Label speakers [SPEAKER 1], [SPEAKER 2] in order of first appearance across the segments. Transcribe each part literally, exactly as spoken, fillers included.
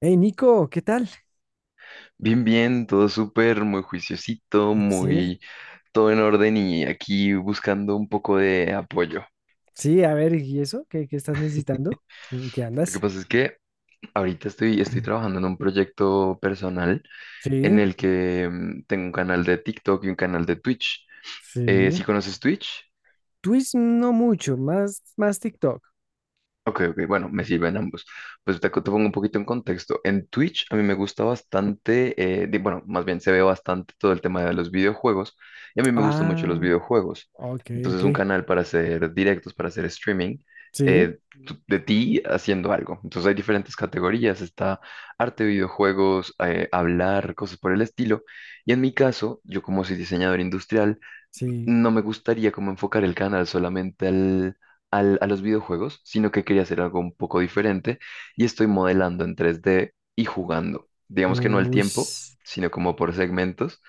[SPEAKER 1] Hey Nico, ¿qué tal?
[SPEAKER 2] Bien, bien, todo súper, muy juiciosito,
[SPEAKER 1] Sí,
[SPEAKER 2] muy todo en orden y aquí buscando un poco de apoyo.
[SPEAKER 1] sí, a ver, ¿y eso? ¿Qué, qué estás necesitando? ¿En qué
[SPEAKER 2] Lo que
[SPEAKER 1] andas?
[SPEAKER 2] pasa es que ahorita estoy, estoy trabajando en un proyecto personal en
[SPEAKER 1] Sí,
[SPEAKER 2] el que mm, tengo un canal de TikTok y un canal de Twitch. Eh,
[SPEAKER 1] sí.
[SPEAKER 2] ¿sí conoces Twitch?
[SPEAKER 1] Twitch no mucho, más, más TikTok.
[SPEAKER 2] Ok, ok, bueno, me sirven ambos. Pues te, te pongo un poquito en contexto. En Twitch a mí me gusta bastante, eh, di- bueno, más bien se ve bastante todo el tema de los videojuegos y a mí me gustan mucho los
[SPEAKER 1] Ah,
[SPEAKER 2] videojuegos.
[SPEAKER 1] ok,
[SPEAKER 2] Entonces
[SPEAKER 1] ok.
[SPEAKER 2] un canal para hacer directos, para hacer streaming,
[SPEAKER 1] Sí,
[SPEAKER 2] eh, tu- de ti haciendo algo. Entonces hay diferentes categorías, está arte, videojuegos, eh, hablar, cosas por el estilo. Y en mi caso, yo como soy diseñador industrial,
[SPEAKER 1] sí.
[SPEAKER 2] no me gustaría como enfocar el canal solamente al, al- a los videojuegos, sino que quería hacer algo un poco diferente y estoy modelando en tres D y jugando. Digamos que no al
[SPEAKER 1] Uy,
[SPEAKER 2] tiempo,
[SPEAKER 1] s-
[SPEAKER 2] sino como por segmentos.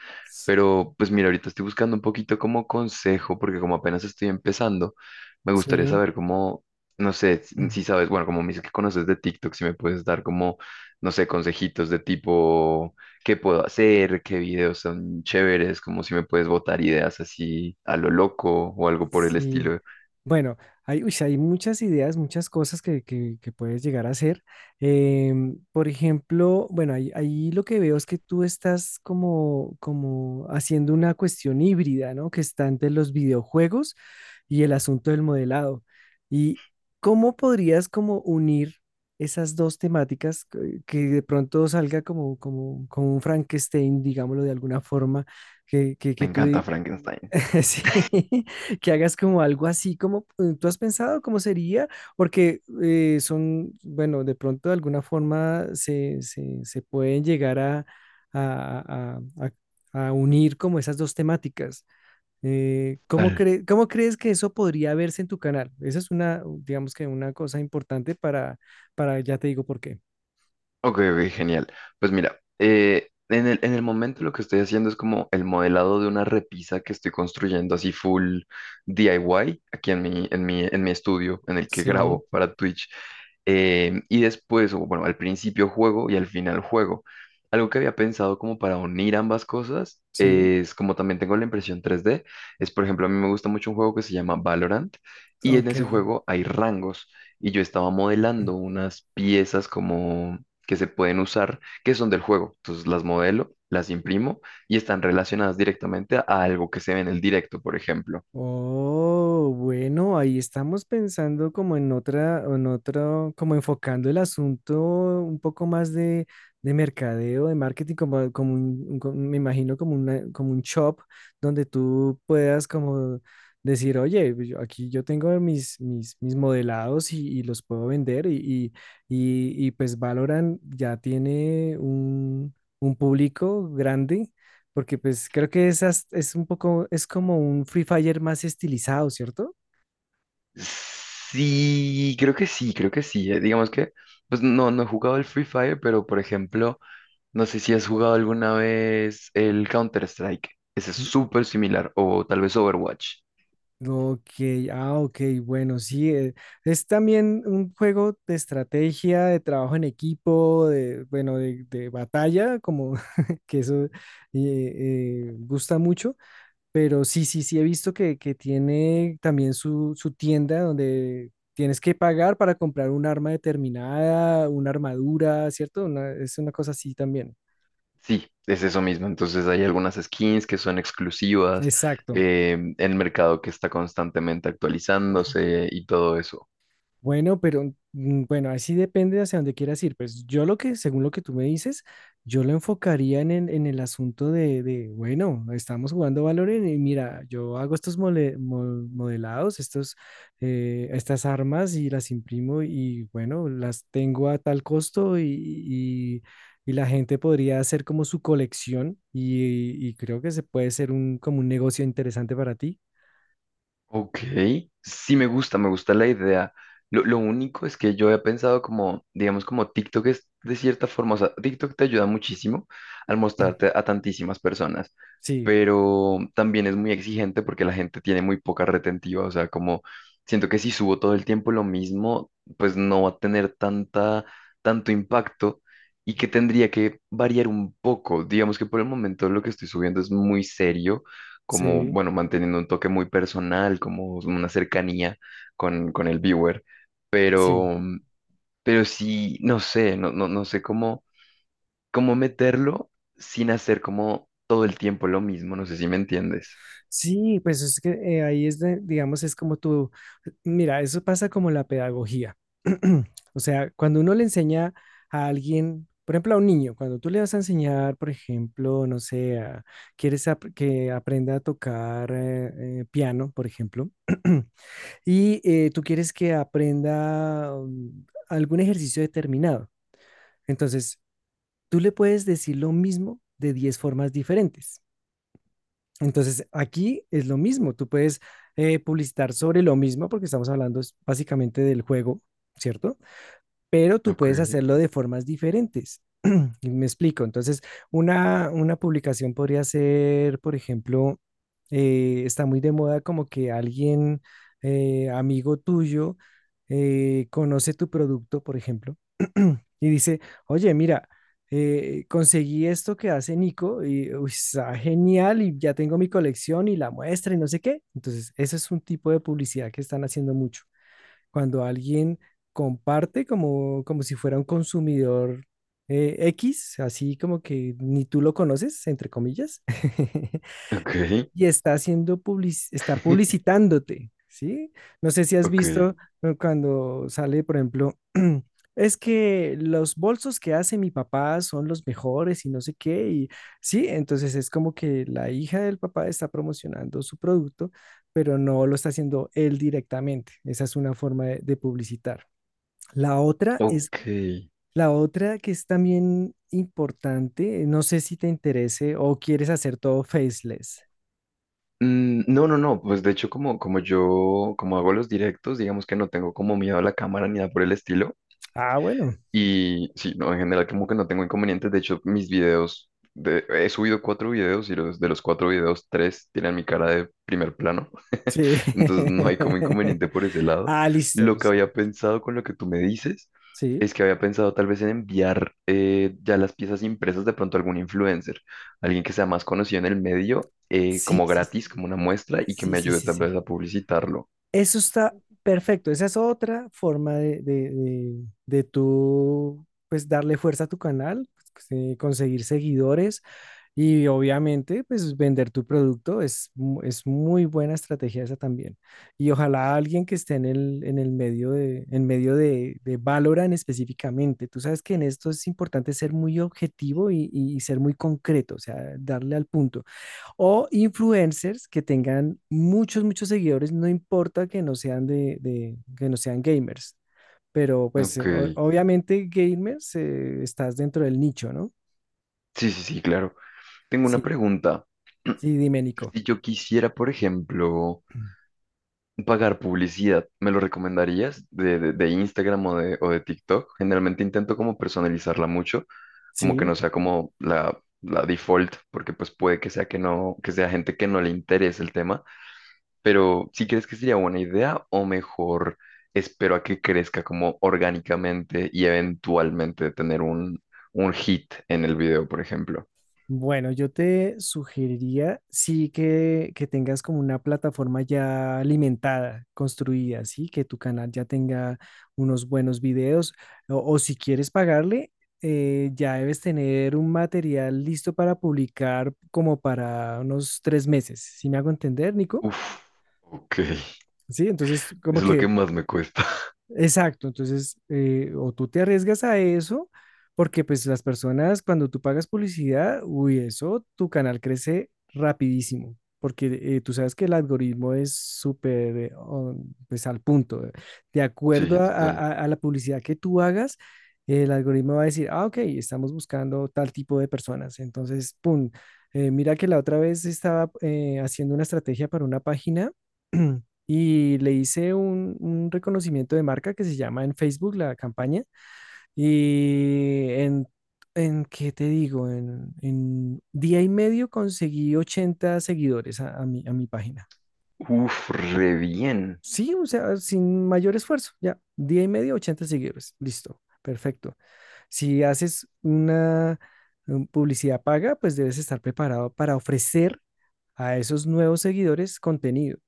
[SPEAKER 2] Pero pues mira, ahorita estoy buscando un poquito como consejo, porque como apenas estoy empezando, me gustaría
[SPEAKER 1] sí.
[SPEAKER 2] saber cómo, no sé, si si sabes, bueno, como me dices que conoces de TikTok, si me puedes dar como, no sé, consejitos de tipo qué puedo hacer, qué videos son chéveres, como si me puedes botar ideas así a lo loco o algo por el
[SPEAKER 1] Sí,
[SPEAKER 2] estilo.
[SPEAKER 1] bueno, hay, uy, sí, hay muchas ideas, muchas cosas que, que- que puedes llegar a hacer. Em, por ejemplo, bueno, ahí, ahí lo que veo es que tú estás como, como haciendo una cuestión híbrida, ¿no? Que está entre los videojuegos y el asunto del modelado. ¿Y cómo podrías como unir esas dos temáticas que, que de pronto salga como, como, como un Frankenstein, digámoslo de alguna forma, que, que,
[SPEAKER 2] Me
[SPEAKER 1] que tú
[SPEAKER 2] encanta Frankenstein.
[SPEAKER 1] Sí, que hagas como algo así como eh, tú has pensado cómo sería, porque eh, son, bueno, de pronto de alguna forma se, se, se pueden llegar a, a- a- a- a unir como esas dos temáticas. Eh, ¿cómo
[SPEAKER 2] Tal.
[SPEAKER 1] cre- cómo crees que eso podría verse en tu canal? Esa es una, digamos que una cosa importante para, para, ya te digo por qué.
[SPEAKER 2] Ok, ok, genial. Pues mira, eh, en el, en el momento lo que estoy haciendo es como el modelado de una repisa que estoy construyendo así full D I Y aquí en mi, en mi, en mi estudio en el que
[SPEAKER 1] Sí,
[SPEAKER 2] grabo para Twitch. Em, y después, o bueno, al principio juego y al final juego. Algo que había pensado como para unir ambas cosas
[SPEAKER 1] sí,
[SPEAKER 2] es como también tengo la impresión tres d, es por ejemplo, a mí me gusta mucho un juego que se llama Valorant y en
[SPEAKER 1] ok.
[SPEAKER 2] ese juego hay rangos y yo estaba modelando unas piezas como que se pueden usar, que son del juego. Entonces las modelo, las imprimo y están relacionadas directamente a algo que se ve en el directo, por ejemplo.
[SPEAKER 1] Oh, bueno, ahí estamos pensando como en otra, en otro, como enfocando el asunto un poco más de, de mercadeo, de marketing, como, como un, un- como- me imagino como una, como un shop donde tú puedas como decir, oye, pues yo- aquí yo tengo mis, mis, mis modelados y, y los puedo vender y, y, y, y pues Valorant ya tiene un, un público grande porque pues creo que es, as- es un poco, es como un Free Fire más estilizado, ¿cierto?
[SPEAKER 2] Sí, creo que sí, creo que sí. eh, Digamos que, pues no, no he jugado el Free Fire, pero por ejemplo, no sé si has jugado alguna vez el Counter-Strike. Ese es
[SPEAKER 1] Mm.
[SPEAKER 2] súper similar, o tal vez Overwatch.
[SPEAKER 1] Ok, ah, ok, bueno, sí, eh, es también un juego de estrategia, de trabajo en equipo, de, bueno, de, de batalla, como que eso eh, eh, gusta mucho, pero sí, sí, sí, he visto que, que tiene también su, su tienda donde tienes que pagar para comprar un arma determinada, una armadura, ¿cierto? Una- es una cosa así también.
[SPEAKER 2] Sí, es eso mismo. Entonces hay algunas skins que son exclusivas,
[SPEAKER 1] Exacto.
[SPEAKER 2] eh, el mercado que está constantemente actualizándose y todo eso.
[SPEAKER 1] Bueno, pero mm, bueno, así depende de hacia dónde quieras ir. Pues yo lo que, según lo que tú me dices, yo lo enfocaría en el, en el asunto de, de, bueno, estamos jugando Valorant y mira, yo hago estos mole- mo- modelados, estos, eh, estas armas y las imprimo y bueno, las tengo a tal costo y, y- y la gente podría hacer como su colección y, y creo que se puede ser un, como un negocio interesante para ti.
[SPEAKER 2] Ok, sí me gusta, me gusta la idea. Lo, lo único es que yo he pensado como, digamos, como TikTok es de cierta forma, o sea, TikTok te ayuda muchísimo al mostrarte a tantísimas personas,
[SPEAKER 1] Sí,
[SPEAKER 2] pero también es muy exigente porque la gente tiene muy poca retentiva, o sea, como siento que si subo todo el tiempo lo mismo, pues no va a tener tanta, tanto impacto y que tendría que variar un poco. Digamos que por el momento lo que estoy subiendo es muy serio como,
[SPEAKER 1] sí,
[SPEAKER 2] bueno, manteniendo un toque muy personal, como una cercanía con, con el viewer,
[SPEAKER 1] sí.
[SPEAKER 2] pero, mm, pero sí, no sé, no, no, no sé cómo, cómo meterlo sin hacer como todo el tiempo lo mismo, no sé si me entiendes.
[SPEAKER 1] Sí, pues es que eh, ahí es, de- digamos, es como tú, mira, eso pasa como la pedagogía. O sea, cuando uno le enseña a alguien, por ejemplo, a un niño, cuando tú le vas a enseñar, por ejemplo, no sé, a- quieres ap- que aprenda a tocar eh, eh, piano, por ejemplo, y eh, tú quieres que aprenda um, algún ejercicio determinado. Entonces, tú le puedes decir lo mismo de diez formas diferentes. Entonces, aquí es lo mismo, tú puedes eh, publicitar sobre lo mismo porque estamos hablando es- básicamente del juego, ¿cierto? Pero tú
[SPEAKER 2] Ok,
[SPEAKER 1] puedes hacerlo de formas diferentes. Y me explico. Entonces, una, una publicación podría ser, por ejemplo, eh, está muy de moda como que alguien, eh, amigo tuyo, eh, conoce tu producto, por ejemplo, y dice, oye, mira, eh, conseguí esto que hace Nico y uy, está genial y ya tengo mi colección y la muestra y no sé qué. Entonces, ese es un tipo de publicidad que están haciendo mucho cuando alguien comparte como, como si fuera un consumidor eh, X, así como que ni tú lo conoces, entre comillas.
[SPEAKER 2] ok,
[SPEAKER 1] Y está haciendo public- está publicitándote, ¿sí? No sé si has
[SPEAKER 2] ok,
[SPEAKER 1] visto, ¿no? Cuando sale, por ejemplo, es que los bolsos que hace mi papá son los mejores y no sé qué, y sí, entonces es como que la hija del papá está promocionando su producto, pero no lo está haciendo él directamente. Esa es una forma de, de publicitar. La otra es,
[SPEAKER 2] ok.
[SPEAKER 1] la otra que es también importante, no sé si te interese o quieres hacer todo faceless.
[SPEAKER 2] Mm, no, no, no, pues de hecho como, como yo, como hago los directos, digamos que no tengo como miedo a la cámara ni nada por el estilo.
[SPEAKER 1] Ah, bueno.
[SPEAKER 2] Y sí, no, en general como que no tengo inconvenientes. De hecho, mis videos, de, he subido cuatro videos y los, de los cuatro videos, tres tienen mi cara de primer plano.
[SPEAKER 1] Sí.
[SPEAKER 2] Entonces no hay como inconveniente por ese lado.
[SPEAKER 1] Ah, listo,
[SPEAKER 2] Lo que
[SPEAKER 1] listo.
[SPEAKER 2] había pensado con lo que tú me dices
[SPEAKER 1] Sí.
[SPEAKER 2] es que había pensado tal vez en enviar eh, ya las piezas impresas de pronto a algún influencer, alguien que sea más conocido en el medio, eh,
[SPEAKER 1] Sí,
[SPEAKER 2] como
[SPEAKER 1] sí, sí,
[SPEAKER 2] gratis, como
[SPEAKER 1] sí.
[SPEAKER 2] una muestra y que
[SPEAKER 1] Sí,
[SPEAKER 2] me
[SPEAKER 1] sí,
[SPEAKER 2] ayude
[SPEAKER 1] sí,
[SPEAKER 2] tal vez
[SPEAKER 1] sí.
[SPEAKER 2] a publicitarlo.
[SPEAKER 1] Eso está perfecto. Esa es otra forma de, de, de, de tú, pues, darle fuerza a tu canal, pues, eh, conseguir seguidores. Y obviamente, pues vender tu producto es, mu- es muy buena estrategia esa también. Y ojalá alguien que esté en el, en el medio de, en medio de, de Valorant específicamente. Tú sabes que en esto es importante ser muy objetivo y, y ser muy concreto, o sea, darle al punto. O influencers que tengan muchos, muchos seguidores, no importa que no sean de, de- que no sean gamers. Pero pues
[SPEAKER 2] Ok,
[SPEAKER 1] eh, o-
[SPEAKER 2] sí,
[SPEAKER 1] obviamente gamers, eh, estás dentro del nicho, ¿no?
[SPEAKER 2] sí, sí, claro. Tengo una
[SPEAKER 1] Sí,
[SPEAKER 2] pregunta.
[SPEAKER 1] sí, dime, Nico.
[SPEAKER 2] Si yo quisiera, por ejemplo... Pagar publicidad, ¿me lo recomendarías de, de- de Instagram o de, o de TikTok? Generalmente intento como personalizarla mucho, como que
[SPEAKER 1] Sí,
[SPEAKER 2] no sea como la, la default, porque pues puede que sea que no, que sea gente que no le interese el tema, pero ¿si crees que sería buena idea o mejor espero a que crezca como orgánicamente y eventualmente tener un, un hit en el video, por ejemplo?
[SPEAKER 1] bueno, yo te sugeriría sí que, que tengas como una plataforma ya alimentada, construida, sí, que tu canal ya tenga unos buenos videos o, o si quieres pagarle, eh, ya debes tener un material listo para publicar como para unos tres meses. ¿Sí me hago entender, Nico?
[SPEAKER 2] Uf, ok,
[SPEAKER 1] Sí, entonces como
[SPEAKER 2] es lo que
[SPEAKER 1] que.
[SPEAKER 2] más me cuesta.
[SPEAKER 1] Exacto, entonces, eh, o tú te arriesgas a eso, porque pues las personas, cuando tú pagas publicidad, uy, eso, tu canal crece rapidísimo, porque eh, tú sabes que el algoritmo es súper, eh, on- pues al punto. Eh. De acuerdo
[SPEAKER 2] Sí,
[SPEAKER 1] a, a-
[SPEAKER 2] total.
[SPEAKER 1] a a la publicidad que tú hagas, el algoritmo va a decir, ah, ok, estamos buscando tal tipo de personas, entonces, pum, eh, mira que la otra vez estaba eh, haciendo una estrategia para una página. Y le hice un, un reconocimiento de marca que se llama en Facebook la campaña y en, en ¿qué te digo? En, en día y medio conseguí ochenta seguidores a, a mi, a mi página.
[SPEAKER 2] Uf, re bien.
[SPEAKER 1] Sí, o sea, sin mayor esfuerzo, ya, día y medio, ochenta seguidores, listo, perfecto. Si haces una um, publicidad paga, pues debes estar preparado para ofrecer a esos nuevos seguidores contenido.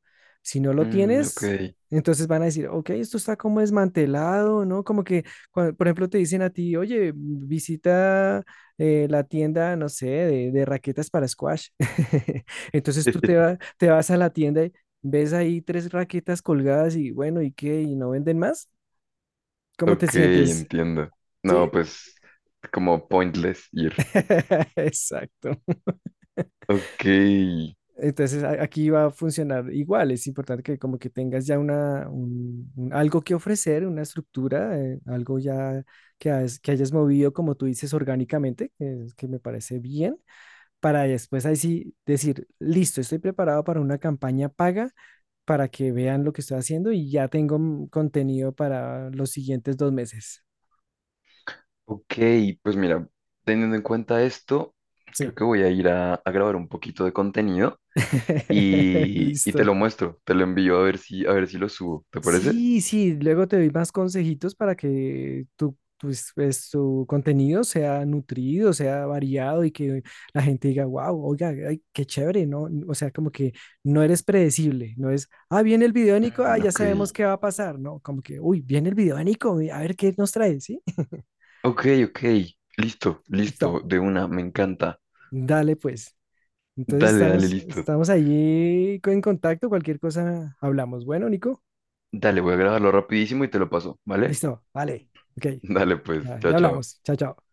[SPEAKER 1] Si no lo
[SPEAKER 2] Mm, ok.
[SPEAKER 1] tienes, entonces van a decir, ok, esto está como desmantelado, ¿no? Como que, cua- por ejemplo, te dicen a ti, oye, visita eh, la tienda, no sé, de, de raquetas para squash. Entonces tú te, va- te vas a la tienda y ves ahí tres raquetas colgadas y bueno, ¿y qué? ¿Y no venden más? ¿Cómo te
[SPEAKER 2] Ok,
[SPEAKER 1] sientes?
[SPEAKER 2] entiendo. No,
[SPEAKER 1] ¿Sí?
[SPEAKER 2] pues como pointless ir.
[SPEAKER 1] Exacto.
[SPEAKER 2] Ok,
[SPEAKER 1] Entonces a- aquí va a funcionar igual. Es importante que como que tengas ya una, un- un- algo que ofrecer, una estructura, eh, algo ya que, has- que hayas movido, como tú dices, orgánicamente, que, es- que me parece bien, para después ahí sí decir, listo, estoy preparado para una campaña paga, para que vean lo que estoy haciendo y ya tengo mm, contenido para los siguientes dos meses.
[SPEAKER 2] ok, pues mira, teniendo en cuenta esto,
[SPEAKER 1] Sí.
[SPEAKER 2] creo que voy a ir a, a grabar un poquito de contenido y, y te
[SPEAKER 1] Listo.
[SPEAKER 2] lo muestro, te lo envío a ver si, a ver si lo subo, ¿te parece?
[SPEAKER 1] Sí, sí, luego te doy más consejitos para que tu, tus- pues, tu contenido sea nutrido, sea variado y que la gente diga, wow, oiga, ay, qué chévere, ¿no? O sea, como que no eres predecible, no es, ah, viene el video de Nico, ah,
[SPEAKER 2] Mm,
[SPEAKER 1] ya
[SPEAKER 2] ok,
[SPEAKER 1] sabemos qué va a pasar, ¿no? Como que, uy, viene el video de Nico, a ver qué nos trae, ¿sí?
[SPEAKER 2] ok, ok, listo,
[SPEAKER 1] Listo,
[SPEAKER 2] listo, de una, me encanta.
[SPEAKER 1] dale pues. Entonces
[SPEAKER 2] Dale, dale,
[SPEAKER 1] estamos,
[SPEAKER 2] listo.
[SPEAKER 1] estamos allí en contacto, cualquier cosa hablamos. Bueno, Nico,
[SPEAKER 2] Dale, voy a grabarlo rapidísimo y te lo paso, ¿vale?
[SPEAKER 1] listo, vale, ok,
[SPEAKER 2] Dale, pues,
[SPEAKER 1] ya
[SPEAKER 2] chao,
[SPEAKER 1] ya hablamos,
[SPEAKER 2] chao.
[SPEAKER 1] chao, chao.